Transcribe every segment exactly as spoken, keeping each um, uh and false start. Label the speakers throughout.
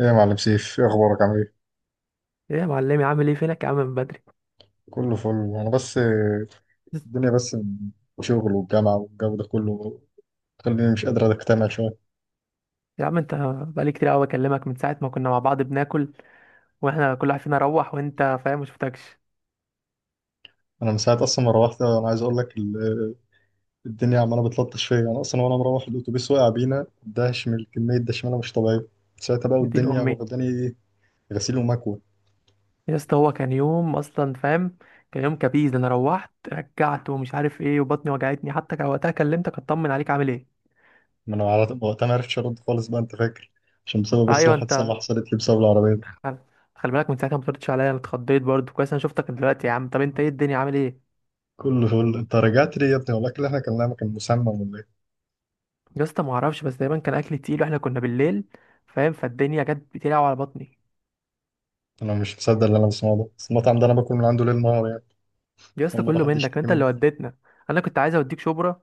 Speaker 1: ايه يا معلم سيف، ايه اخبارك؟ عامل ايه؟
Speaker 2: ايه يا معلمي، عامل ايه؟ فينك يا عم من بدري؟
Speaker 1: كله فل. انا بس آه، الدنيا بس، شغل والجامعه والجو ده كله خليني مش قادر اجتمع شويه.
Speaker 2: يا عم انت بقالي كتير قوي بكلمك من ساعه ما كنا مع بعض بناكل، واحنا كل واحد فينا روح، وانت فاهم ما شفتكش.
Speaker 1: انا من ساعه اصلا ما روحت. انا عايز اقول لك ال- الدنيا عماله بتلطش فيا انا اصلا. وانا مروح الاتوبيس وقع بينا دهش من كميه دشمله مش طبيعيه. ساعتها بقى
Speaker 2: نتين
Speaker 1: والدنيا
Speaker 2: امي.
Speaker 1: واخداني ايه، غسيل ومكوى.
Speaker 2: يا اسطى هو كان يوم اصلا، فاهم؟ كان يوم كبيز، انا روحت رجعت ومش عارف ايه، وبطني وجعتني، حتى كان وقتها كلمتك اطمن عليك عامل ايه.
Speaker 1: ما انا على- وقتها ما عرفتش ارد خالص بقى، انت فاكر؟ عشان بسبب بس
Speaker 2: ايوه
Speaker 1: الحادثه
Speaker 2: انت،
Speaker 1: اللي حصلت لي بسبب العربيه دي.
Speaker 2: خل... خلي بالك من ساعتها ما بتردش عليا، انا اتخضيت برضه كويس. انا شفتك دلوقتي يا عم، طب انت ايه الدنيا عامل ايه؟
Speaker 1: كله فل. انت رجعت ليه يا ابني؟ ولا الاكل اللي احنا كلناه ما كان مسمم ولا ايه؟
Speaker 2: يا اسطى ما اعرفش، بس دايما كان اكل تقيل، واحنا كنا بالليل فاهم، فالدنيا جت بتلعب على بطني.
Speaker 1: انا مش مصدق اللي انا بسمعه ده، بس المطعم ده انا باكل من عنده ليل نهار يعني.
Speaker 2: يا
Speaker 1: اول
Speaker 2: اسطى
Speaker 1: مره
Speaker 2: كله
Speaker 1: حد
Speaker 2: منك
Speaker 1: يشتكي
Speaker 2: انت
Speaker 1: منه.
Speaker 2: اللي وديتنا. انا كنت عايز اوديك شبرا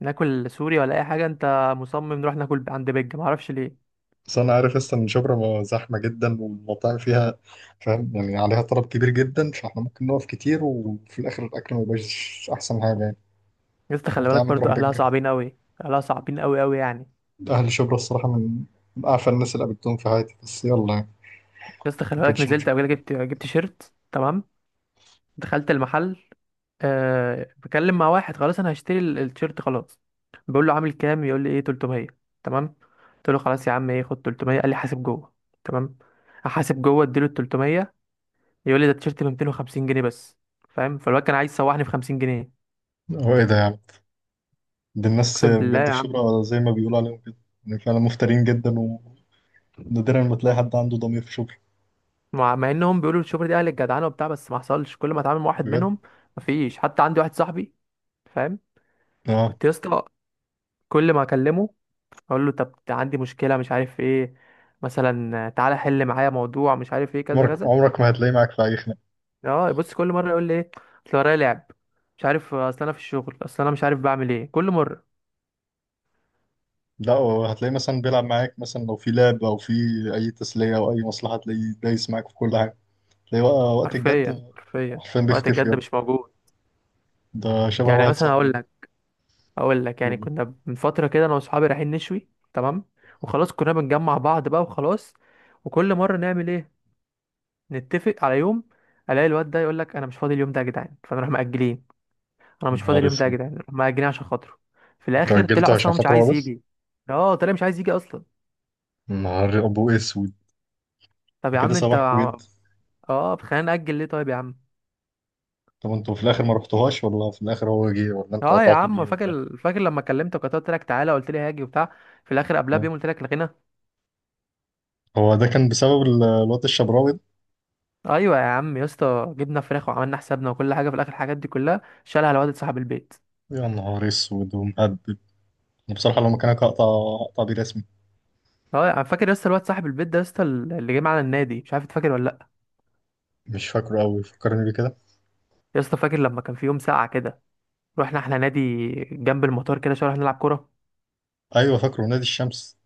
Speaker 2: ناكل سوري ولا اي حاجه، انت مصمم نروح ناكل عند بيج معرفش ليه.
Speaker 1: بس انا عارف لسه ان شبرا ما- زحمه جدا والمطاعم فيها، فاهم يعني؟ عليها طلب كبير جدا، فاحنا ممكن نقف كتير وفي الاخر الاكل ما يبقاش احسن حاجه يعني.
Speaker 2: يا اسطى خلي
Speaker 1: فقلت يا
Speaker 2: بالك
Speaker 1: عم
Speaker 2: برضو
Speaker 1: نروح
Speaker 2: اهلها
Speaker 1: بجه.
Speaker 2: صعبين قوي، اهلها صعبين قوي قوي يعني.
Speaker 1: اهل شبرا الصراحه، من من اعفى الناس اللي قابلتهم في حياتي، بس يلا يعني.
Speaker 2: يا اسطى خلي
Speaker 1: ما
Speaker 2: بالك،
Speaker 1: كانتش
Speaker 2: نزلت
Speaker 1: مشكله.
Speaker 2: قبل كده جبت جبت شيرت، تمام؟ دخلت المحل، أه بكلم مع واحد، خلاص انا هشتري ال- التيشيرت خلاص. بقول له عامل كام، يقول لي ايه تلتمية. تمام. قلت له خلاص يا عم، ايه خد تلتمية. قال لي حاسب جوه. تمام. احاسب جوه، اديله ال تلتمية، يقول لي ده التيشيرت ب مائتين وخمسين جنيه بس. فاهم؟ فالواد كان عايز يسوحني في خمسين جنيه.
Speaker 1: هو ايه ده يعني؟ دي الناس
Speaker 2: اقسم بالله
Speaker 1: بجد
Speaker 2: يا
Speaker 1: في
Speaker 2: عم،
Speaker 1: شبرا زي ما بيقولوا عليهم كده. يعني فعلا مفترين جدا، ونادرا ما تلاقي حد عنده ضمير في شبرا،
Speaker 2: مع, مع انهم بيقولوا الشوبر دي اهل الجدعنه وبتاع، بس ما حصلش. كل ما اتعامل مع واحد
Speaker 1: بجد.
Speaker 2: منهم، مفيش حتى عندي واحد صاحبي فاهم.
Speaker 1: اه.
Speaker 2: كنت يا اسطى كل ما اكلمه اقول له طب عندي مشكله مش عارف ايه، مثلا تعالى حل معايا موضوع مش عارف ايه كذا
Speaker 1: عمرك
Speaker 2: كذا.
Speaker 1: عمرك ما هتلاقيه معاك في اي خناقه.
Speaker 2: اه بص، كل مره يقول لي ايه، اصل ورايا لعب، مش عارف اصل انا في الشغل، اصل انا مش عارف بعمل ايه كل مره.
Speaker 1: لا، هو هتلاقيه مثلا بيلعب معاك، مثلا لو في لعب او في اي تسليه او اي مصلحه تلاقيه دايس معاك في كل حاجه، تلاقيه بقى وقت
Speaker 2: حرفيا
Speaker 1: الجد
Speaker 2: حرفيا،
Speaker 1: حرفيا
Speaker 2: وقت
Speaker 1: بيختفي
Speaker 2: الجد
Speaker 1: يابا.
Speaker 2: مش موجود.
Speaker 1: ده شبه
Speaker 2: يعني
Speaker 1: واحد
Speaker 2: مثلا هقول
Speaker 1: صاحبي.
Speaker 2: لك، اقول لك، يعني كنا من فتره كده انا واصحابي رايحين نشوي، تمام؟ وخلاص كنا بنجمع بعض بقى، وخلاص. وكل مره نعمل ايه، نتفق على يوم، الاقي الواد ده يقول لك انا مش فاضي اليوم ده يا جدعان، فنروح مأجلين. انا مش فاضي
Speaker 1: نهار
Speaker 2: اليوم ده يا
Speaker 1: اسود.
Speaker 2: جدعان، نروح مأجلين عشان خاطره. في
Speaker 1: انتوا
Speaker 2: الاخر طلع
Speaker 1: اجلتوا
Speaker 2: اصلا
Speaker 1: عشان
Speaker 2: هو مش
Speaker 1: خاطر هو
Speaker 2: عايز
Speaker 1: بس؟
Speaker 2: يجي. اه طلع مش عايز يجي اصلا.
Speaker 1: نهار ابو اسود.
Speaker 2: طب
Speaker 1: ده
Speaker 2: يا
Speaker 1: كده
Speaker 2: عم انت
Speaker 1: صباحكوا
Speaker 2: ع-
Speaker 1: جدا.
Speaker 2: اه طب خلينا نأجل ليه طيب يا عم.
Speaker 1: طب انتوا في الاخر ما رحتوهاش، ولا في الاخر هو جه، ولا انتوا
Speaker 2: اه يا
Speaker 1: قطعتوا
Speaker 2: عم،
Speaker 1: بيه، ولا
Speaker 2: فاكر فاكر لما كلمتك وقتها قلت لك تعالى، قلت لي هاجي وبتاع، في الاخر قبلها
Speaker 1: إيه؟
Speaker 2: بيوم قلت لك لغينا.
Speaker 1: هو ده كان بسبب ال- الواد الشبراوي ده؟
Speaker 2: ايوه يا عم يا اسطى، جبنا فراخ وعملنا حسابنا وكل حاجه، في الاخر الحاجات دي كلها شالها الواد صاحب البيت.
Speaker 1: يا نهار اسود ومهبب. انا بصراحه لو مكانك هقطع هقطع بيه رسمي.
Speaker 2: اه انا فاكر يا اسطى الواد صاحب البيت ده يا اسطى اللي جه معانا النادي، مش عارف تفاكر ولا لا.
Speaker 1: مش فاكره قوي، فكرني بيه كده.
Speaker 2: يا اسطى فاكر لما كان في يوم ساقعه كده، رحنا احنا نادي جنب المطار كده شويه، رحنا نلعب كوره.
Speaker 1: ايوه، فاكره نادي الشمس.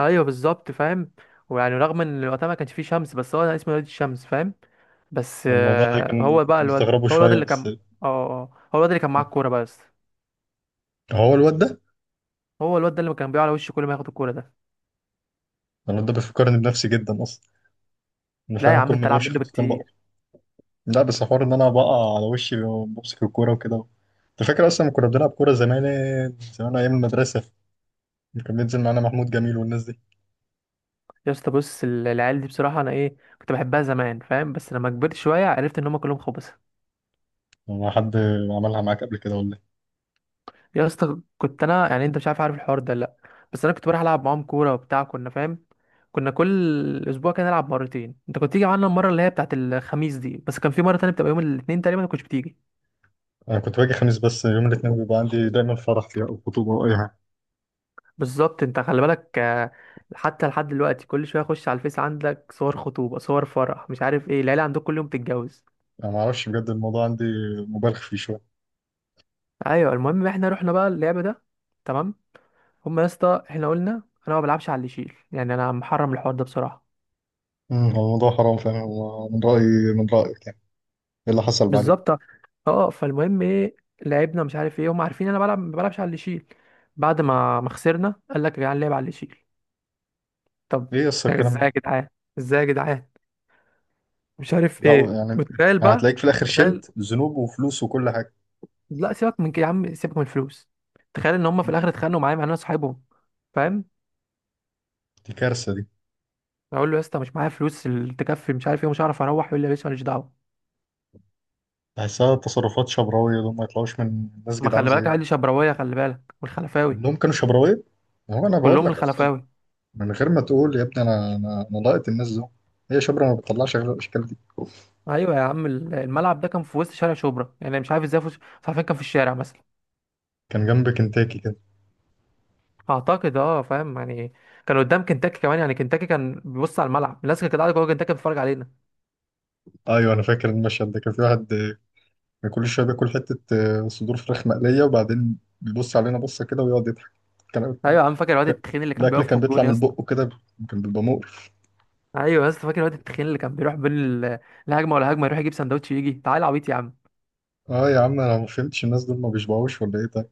Speaker 2: ايوه بالظبط، فاهم؟ ويعني رغم ان وقتها ما كانش فيه شمس، بس هو اسمه نادي الشمس فاهم. بس
Speaker 1: الموضوع ده
Speaker 2: آه،
Speaker 1: كان
Speaker 2: هو بقى
Speaker 1: كنت
Speaker 2: الواد،
Speaker 1: مستغربه
Speaker 2: هو الواد
Speaker 1: شوية
Speaker 2: اللي
Speaker 1: بس.
Speaker 2: كان. اه آه، اه، هو الواد اللي كان معاه الكوره بقى يا اسطى.
Speaker 1: هو الواد ده.
Speaker 2: هو الواد ده اللي كان بيقع على وشه كل ما ياخد الكوره ده.
Speaker 1: الواد ده بيفكرني بنفسي جدا أصلا. أنا
Speaker 2: لا يا
Speaker 1: فعلا
Speaker 2: عم
Speaker 1: كل ما
Speaker 2: انت العب
Speaker 1: بمشي
Speaker 2: منه
Speaker 1: خطوتين بقع.
Speaker 2: بكتير.
Speaker 1: لا بس حوار إن أنا بقع على وشي، بمسك الكورة وكده. أنت فاكر أصلا لما كنا بنلعب كورة زمان؟ زمان أيام المدرسة كان بينزل معانا محمود جميل والناس دي.
Speaker 2: يا اسطى بص، ال- العيال دي بصراحه انا ايه كنت بحبها زمان فاهم، بس لما كبرت شويه عرفت ان هم كلهم خبص.
Speaker 1: ما حد عملها معاك قبل كده ولا إيه؟
Speaker 2: يا اسطى كنت انا يعني، انت مش عارف عارف الحوار ده لا، بس انا كنت بروح العب معاهم كوره وبتاع، كنا فاهم. كنا كل اسبوع كده نلعب مرتين، انت كنت تيجي معانا المره اللي هي بتاعت الخميس دي، بس كان في مره تانية بتبقى يوم الاثنين تقريبا ما كنتش بتيجي.
Speaker 1: أنا كنت باجي خميس بس. يوم الاثنين بيبقى عندي دايما فرح فيها أو خطوبة أو أي حاجة.
Speaker 2: بالظبط. انت خلي بالك آه، حتى لحد دلوقتي كل شويه اخش على الفيس، عندك صور خطوبه، صور فرح، مش عارف ايه. العيله عندك كل يوم بتتجوز.
Speaker 1: أنا معرفش، بجد الموضوع عندي مبالغ فيه شوية.
Speaker 2: ايوه المهم احنا رحنا بقى اللعبه ده، تمام؟ هما يا اسطى احنا قلنا، انا ما بلعبش على اللي يشيل، يعني انا محرم الحوار ده بصراحه.
Speaker 1: أمم، هو الموضوع حرام فعلا، هو من رأيي، من رأيك يعني. إيه اللي حصل بعدين؟
Speaker 2: بالظبط. اه فالمهم ايه، لعبنا مش عارف ايه، هما عارفين انا بلعب ما بلعبش على اللي يشيل. بعد ما ما خسرنا قال لك يا جدعان، لعب على اللي يشيل. طب
Speaker 1: ايه يس الكلام
Speaker 2: ازاي
Speaker 1: ده؟
Speaker 2: يا جدعان، ازاي يا جدعان، مش عارف
Speaker 1: لا
Speaker 2: ايه.
Speaker 1: يعني
Speaker 2: وتخيل بقى،
Speaker 1: هتلاقيك في الاخر
Speaker 2: تخيل.
Speaker 1: شلت ذنوب وفلوس وكل حاجه.
Speaker 2: لا سيبك من كده يا عم، سيبك من الفلوس، تخيل ان هما في
Speaker 1: مم.
Speaker 2: الاخر اتخانقوا معايا مع ان انا صاحبهم فاهم.
Speaker 1: دي كارثه دي.
Speaker 2: اقول له يا اسطى مش معايا فلوس اللي تكفي مش عارف ايه، مش هعرف اروح، يقول لي يا باشا ماليش دعوه.
Speaker 1: بحسها تصرفات شبراويه، دول ما يطلعوش من ناس
Speaker 2: ما
Speaker 1: جدعان
Speaker 2: خلي بالك
Speaker 1: زينا.
Speaker 2: عادي شبراويه، خلي بالك والخلفاوي.
Speaker 1: كلهم كانوا شبراويه. هو انا بقول
Speaker 2: كلهم
Speaker 1: لك اصلا،
Speaker 2: الخلفاوي.
Speaker 1: من غير ما تقول يا ابني، انا انا انا لقيت الناس دول. هي شبرا ما بتطلعش غير الاشكال دي.
Speaker 2: ايوه يا عم، ال- الملعب ده كان في وسط شارع شبرا يعني، مش عارف ازاي، في وسط- مش عارفين، كان في الشارع مثلا.
Speaker 1: كان جنب كنتاكي كده.
Speaker 2: اعتقد اه فاهم يعني، كان قدام كنتاكي كمان يعني، كنتاكي كان بيبص على الملعب، الناس كانت قاعده جوه كنتاكي بتتفرج علينا.
Speaker 1: ايوه انا فاكر المشهد ده. كان في واحد آه، كل شويه بياكل حته آه، صدور فراخ مقليه وبعدين بيبص علينا بصه كده ويقعد يضحك. كان
Speaker 2: ايوه يا عم فاكر الواد
Speaker 1: كان-
Speaker 2: التخين اللي كان
Speaker 1: الاكل
Speaker 2: بيقف في
Speaker 1: كان بيطلع
Speaker 2: الجون يا
Speaker 1: من
Speaker 2: اسطى.
Speaker 1: بقه كده، كان بيبقى مقرف.
Speaker 2: ايوه يا اسطى فاكر الواد التخين اللي كان بيروح بين ال- الهجمه والهجمه يروح يجيب سندوتش، يجي تعال عبيط يا عم.
Speaker 1: اه يا عم انا ما فهمتش، الناس دول ما بيشبعوش ولا ايه ده؟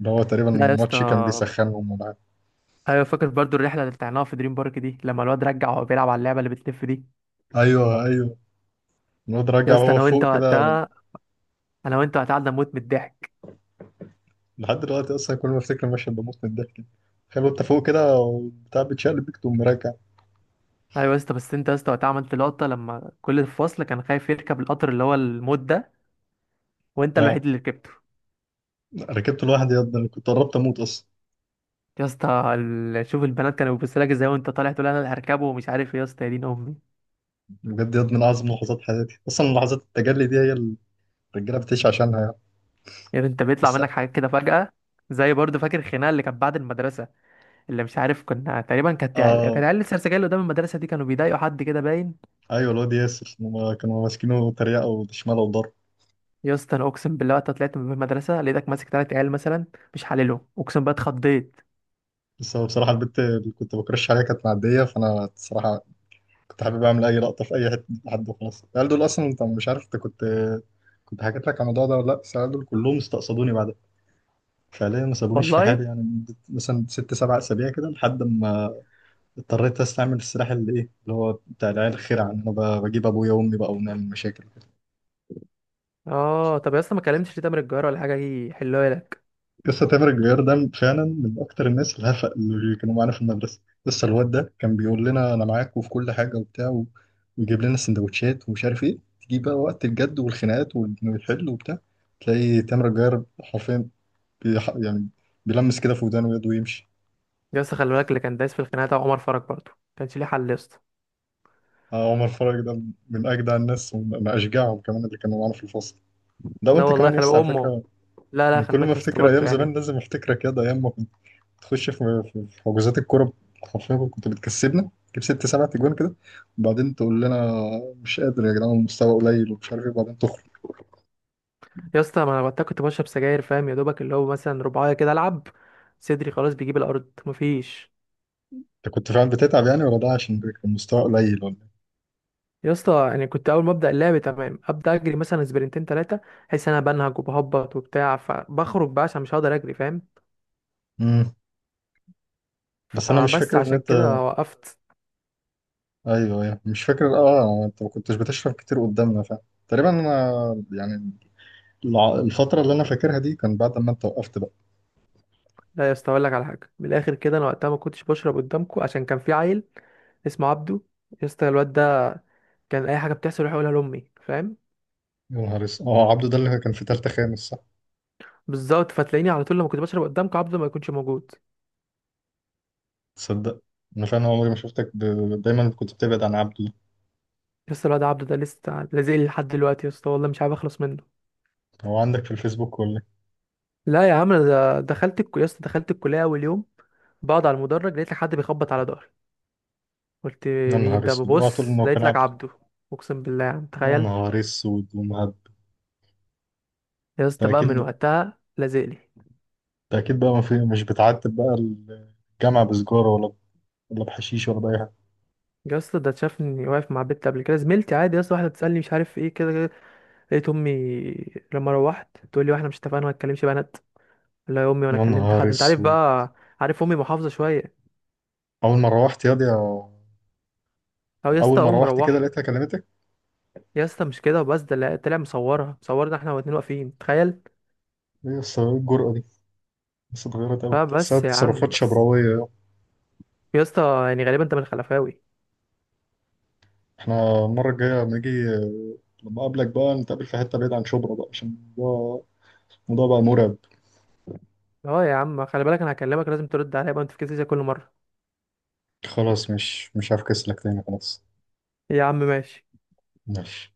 Speaker 1: ده هو تقريبا
Speaker 2: لا يا اسطى.
Speaker 1: الماتش كان بيسخنهم ولا حاجة.
Speaker 2: ايوه فاكر برضو الرحله اللي طلعناها في دريم بارك دي، لما الواد رجع وهو بيلعب على اللعبه اللي بتلف دي.
Speaker 1: ايوه ايوه، الواد
Speaker 2: يا
Speaker 1: راجع
Speaker 2: اسطى
Speaker 1: وهو
Speaker 2: انا وانت
Speaker 1: فوق كده.
Speaker 2: وقتها، انا وانت وقتها قعدنا نموت من الضحك.
Speaker 1: لحد دلوقتي اصلا كل ما افتكر المشهد بموت من الضحك. تخيل انت فوق كده وبتاع بتشقلب بيك تقوم راجع.
Speaker 2: ايوه يا اسطى، بس انت يا اسطى وقتها عملت لقطه لما كل الفصل كان خايف يركب القطر اللي هو الموت ده، وانت الوحيد
Speaker 1: اه.
Speaker 2: اللي ركبته.
Speaker 1: ركبت لوحدي يا ابني، انا كنت قربت اموت اصلا.
Speaker 2: يا اسطى، ال- شوف البنات كانوا بيبصوا لك ازاي وانت طالع تقول انا اللي هركبه ومش عارف ايه يا اسطى، يا دين امي.
Speaker 1: بجد يا ابني من اعظم لحظات حياتي اصلا، لحظات التجلي دي هي اللي الرجاله بتعيش عشانها يعني.
Speaker 2: يعني انت بيطلع
Speaker 1: بس.
Speaker 2: منك حاجات كده فجاه. زي برضه فاكر الخناقه اللي كانت بعد المدرسه، اللي مش عارف، كنا تقريبا كانت عيال- كانت
Speaker 1: اه
Speaker 2: عيال السرسجيه اللي قدام المدرسه دي كانوا بيضايقوا حد كده باين.
Speaker 1: ايوه الواد ياسر هما كانوا ماسكينه تريقه وشماله وضرب.
Speaker 2: يا اسطى انا اقسم بالله وقت طلعت من المدرسه لقيتك ماسك تلات عيال مثلا، مش حللهم اقسم بقى، اتخضيت
Speaker 1: بس هو بصراحه البنت اللي كنت بكرش عليها كانت معديه، فانا الصراحه كنت حابب اعمل اي لقطه في اي حته، لحد خلاص. العيال دول اصلا، انت مش عارف، انت كنت، كنت حكيت لك على الموضوع ده ولا لا، بس العيال دول كلهم استقصدوني بعدها، فعليا ما سابونيش في
Speaker 2: والله.
Speaker 1: حالي يعني مدة مثلا ست سبع اسابيع كده، لحد ما اضطريت استعمل السلاح اللي ايه، اللي هو بتاع العيال الخير، عن انا ب- بجيب ابويا وامي بقى ونعمل مشاكل.
Speaker 2: اه طب يا اسطى ما كلمتش ليه تامر الجار ولا حاجه يحلوها لك؟
Speaker 1: قصة تامر الجوير ده فعلا من أكتر الناس الهفق اللي كانوا معانا في المدرسة. لسه الواد ده كان بيقول لنا أنا معاك وفي كل حاجة وبتاع و- ويجيب لنا سندوتشات ومش عارف إيه، تيجي بقى وقت الجد والخناقات والحل وبتاع تلاقي تامر الجوير حرفيا بيح... يعني بيلمس كده في ودانه ويده ويمشي.
Speaker 2: يا اسطى خلي بالك اللي كان دايس في الخناقه ده عمر فرج، برضه كانش ليه حل يا اسطى.
Speaker 1: آه، عمر فرج ده من أجدع الناس ومن أشجعهم كمان اللي كانوا معانا في الفصل، ده
Speaker 2: لا
Speaker 1: وأنت
Speaker 2: والله
Speaker 1: كمان
Speaker 2: خلي
Speaker 1: يس
Speaker 2: بالك
Speaker 1: على
Speaker 2: امه،
Speaker 1: فكرة.
Speaker 2: لا لا
Speaker 1: إن
Speaker 2: خلي
Speaker 1: كل ما
Speaker 2: بالك يا اسطى
Speaker 1: أفتكر
Speaker 2: برضه
Speaker 1: أيام زمان
Speaker 2: يعني.
Speaker 1: لازم أفتكرك، يا ده أيام ما تخش في في- في- حجوزات الكوره حرفيا كنت بتكسبنا، تجيب ست سبع تجوان كده، وبعدين تقول لنا مش قادر يا جدعان، المستوى قليل ومش عارف ايه، وبعدين تخرج.
Speaker 2: يا اسطى ما انا وقتها كنت بشرب سجاير فاهم، يا دوبك اللي هو مثلا رباعيه كده العب، صدري خلاص بيجيب الارض، مفيش.
Speaker 1: انت كنت فعلا بتتعب يعني، ولا ده عشان كان المستوى قليل ولا إيه؟
Speaker 2: يا اسطى يعني كنت اول ما ابدا اللعب تمام، ابدا اجري مثلا سبرنتين ثلاثه، احس إن انا بنهج وبهبط وبتاع، فبخرج بقى عشان مش هقدر اجري فاهم.
Speaker 1: امم. بس انا مش
Speaker 2: فبس
Speaker 1: فاكر ان
Speaker 2: عشان
Speaker 1: انت،
Speaker 2: كده وقفت.
Speaker 1: ايوه ايوه مش فاكر، اه انت ما كنتش بتشرب كتير قدامنا فعلا. تقريبا انا، يعني الع- الفتره اللي انا فاكرها دي كان بعد ما انت وقفت بقى.
Speaker 2: لا يا اسطى، اقول لك على حاجه من الاخر كده، انا وقتها ما كنتش بشرب قدامكم عشان كان في عيل اسمه عبده. يا اسطى الواد ده كان اي حاجه بتحصل يروح يقولها لامي فاهم.
Speaker 1: يا نهار اسود، اه عبده ده اللي كان في تالتة خامس، صح؟
Speaker 2: بالظبط. فتلاقيني على طول لما كنت بشرب قدامك عبده ما يكونش موجود.
Speaker 1: تصدق، انا فعلا عمري ما شفتك ب... دايما كنت بتبعد عن عبده.
Speaker 2: لسه الواد عبده ده لسه لازق لي لحد دلوقتي يا اسطى، والله مش عارف اخلص منه.
Speaker 1: هو عندك في الفيسبوك ولا؟
Speaker 2: لا يا عم، انا ده- دخلت الكو... يا اسطى دخلت الكليه اول يوم، بقعد على المدرج لقيت لك حد بيخبط على ظهري، قلت
Speaker 1: يا
Speaker 2: مين
Speaker 1: نهار
Speaker 2: ده،
Speaker 1: اسود، اوعى تقول
Speaker 2: ببص
Speaker 1: انه كان
Speaker 2: لقيت لك
Speaker 1: عبده.
Speaker 2: عبده. اقسم بالله يا عم
Speaker 1: يا
Speaker 2: تخيل.
Speaker 1: نهار اسود ومهب.
Speaker 2: يا اسطى
Speaker 1: ده
Speaker 2: بقى من
Speaker 1: اكيد،
Speaker 2: وقتها لازق لي.
Speaker 1: ده اكيد بقى. ما في، مش بتعتب بقى الجامعه بسجاره ولا، ولا بحشيش ولا باي حاجه؟
Speaker 2: يا اسطى ده شافني واقف مع بنت قبل كده زميلتي، عادي يا اسطى، واحده بتسالني مش عارف ايه كده كده، لقيت امي لما روحت تقول لي واحنا مش اتفقنا ما تكلمش بنات. لا يا امي وانا
Speaker 1: يا
Speaker 2: كلمت
Speaker 1: نهار
Speaker 2: حد، انت عارف
Speaker 1: اسود.
Speaker 2: بقى، عارف امي محافظه شويه.
Speaker 1: اول ما روحت ياض يا،
Speaker 2: او يا
Speaker 1: اول
Speaker 2: اسطى
Speaker 1: ما
Speaker 2: قوم
Speaker 1: روحت كده
Speaker 2: روح.
Speaker 1: لقيتها كلمتك.
Speaker 2: يا اسطى مش كده وبس، ده لا- طلع مصورها، مصورنا احنا واتنين واقفين، تخيل.
Speaker 1: ايه يا اسطى، ايه الجرأه دي؟ بس اتغيرت قوي، تحسها
Speaker 2: فبس يا عم
Speaker 1: تصرفات
Speaker 2: بس.
Speaker 1: شبراويه.
Speaker 2: يا اسطى يعني غالبا انت من الخلفاوي.
Speaker 1: احنا المره الجايه لما اجي، لما اقابلك بقى، نتقابل في حته بعيد عن شبرا بقى، عشان الموضوع، الموضوع بقى مرعب.
Speaker 2: اه يا عم خلي بالك، انا هكلمك لازم ترد عليا بقى، ما تفكسش زي كل مره.
Speaker 1: خلاص مش مش هفكس لك تاني، خلاص.
Speaker 2: يا عم ماشي.
Speaker 1: ماشي.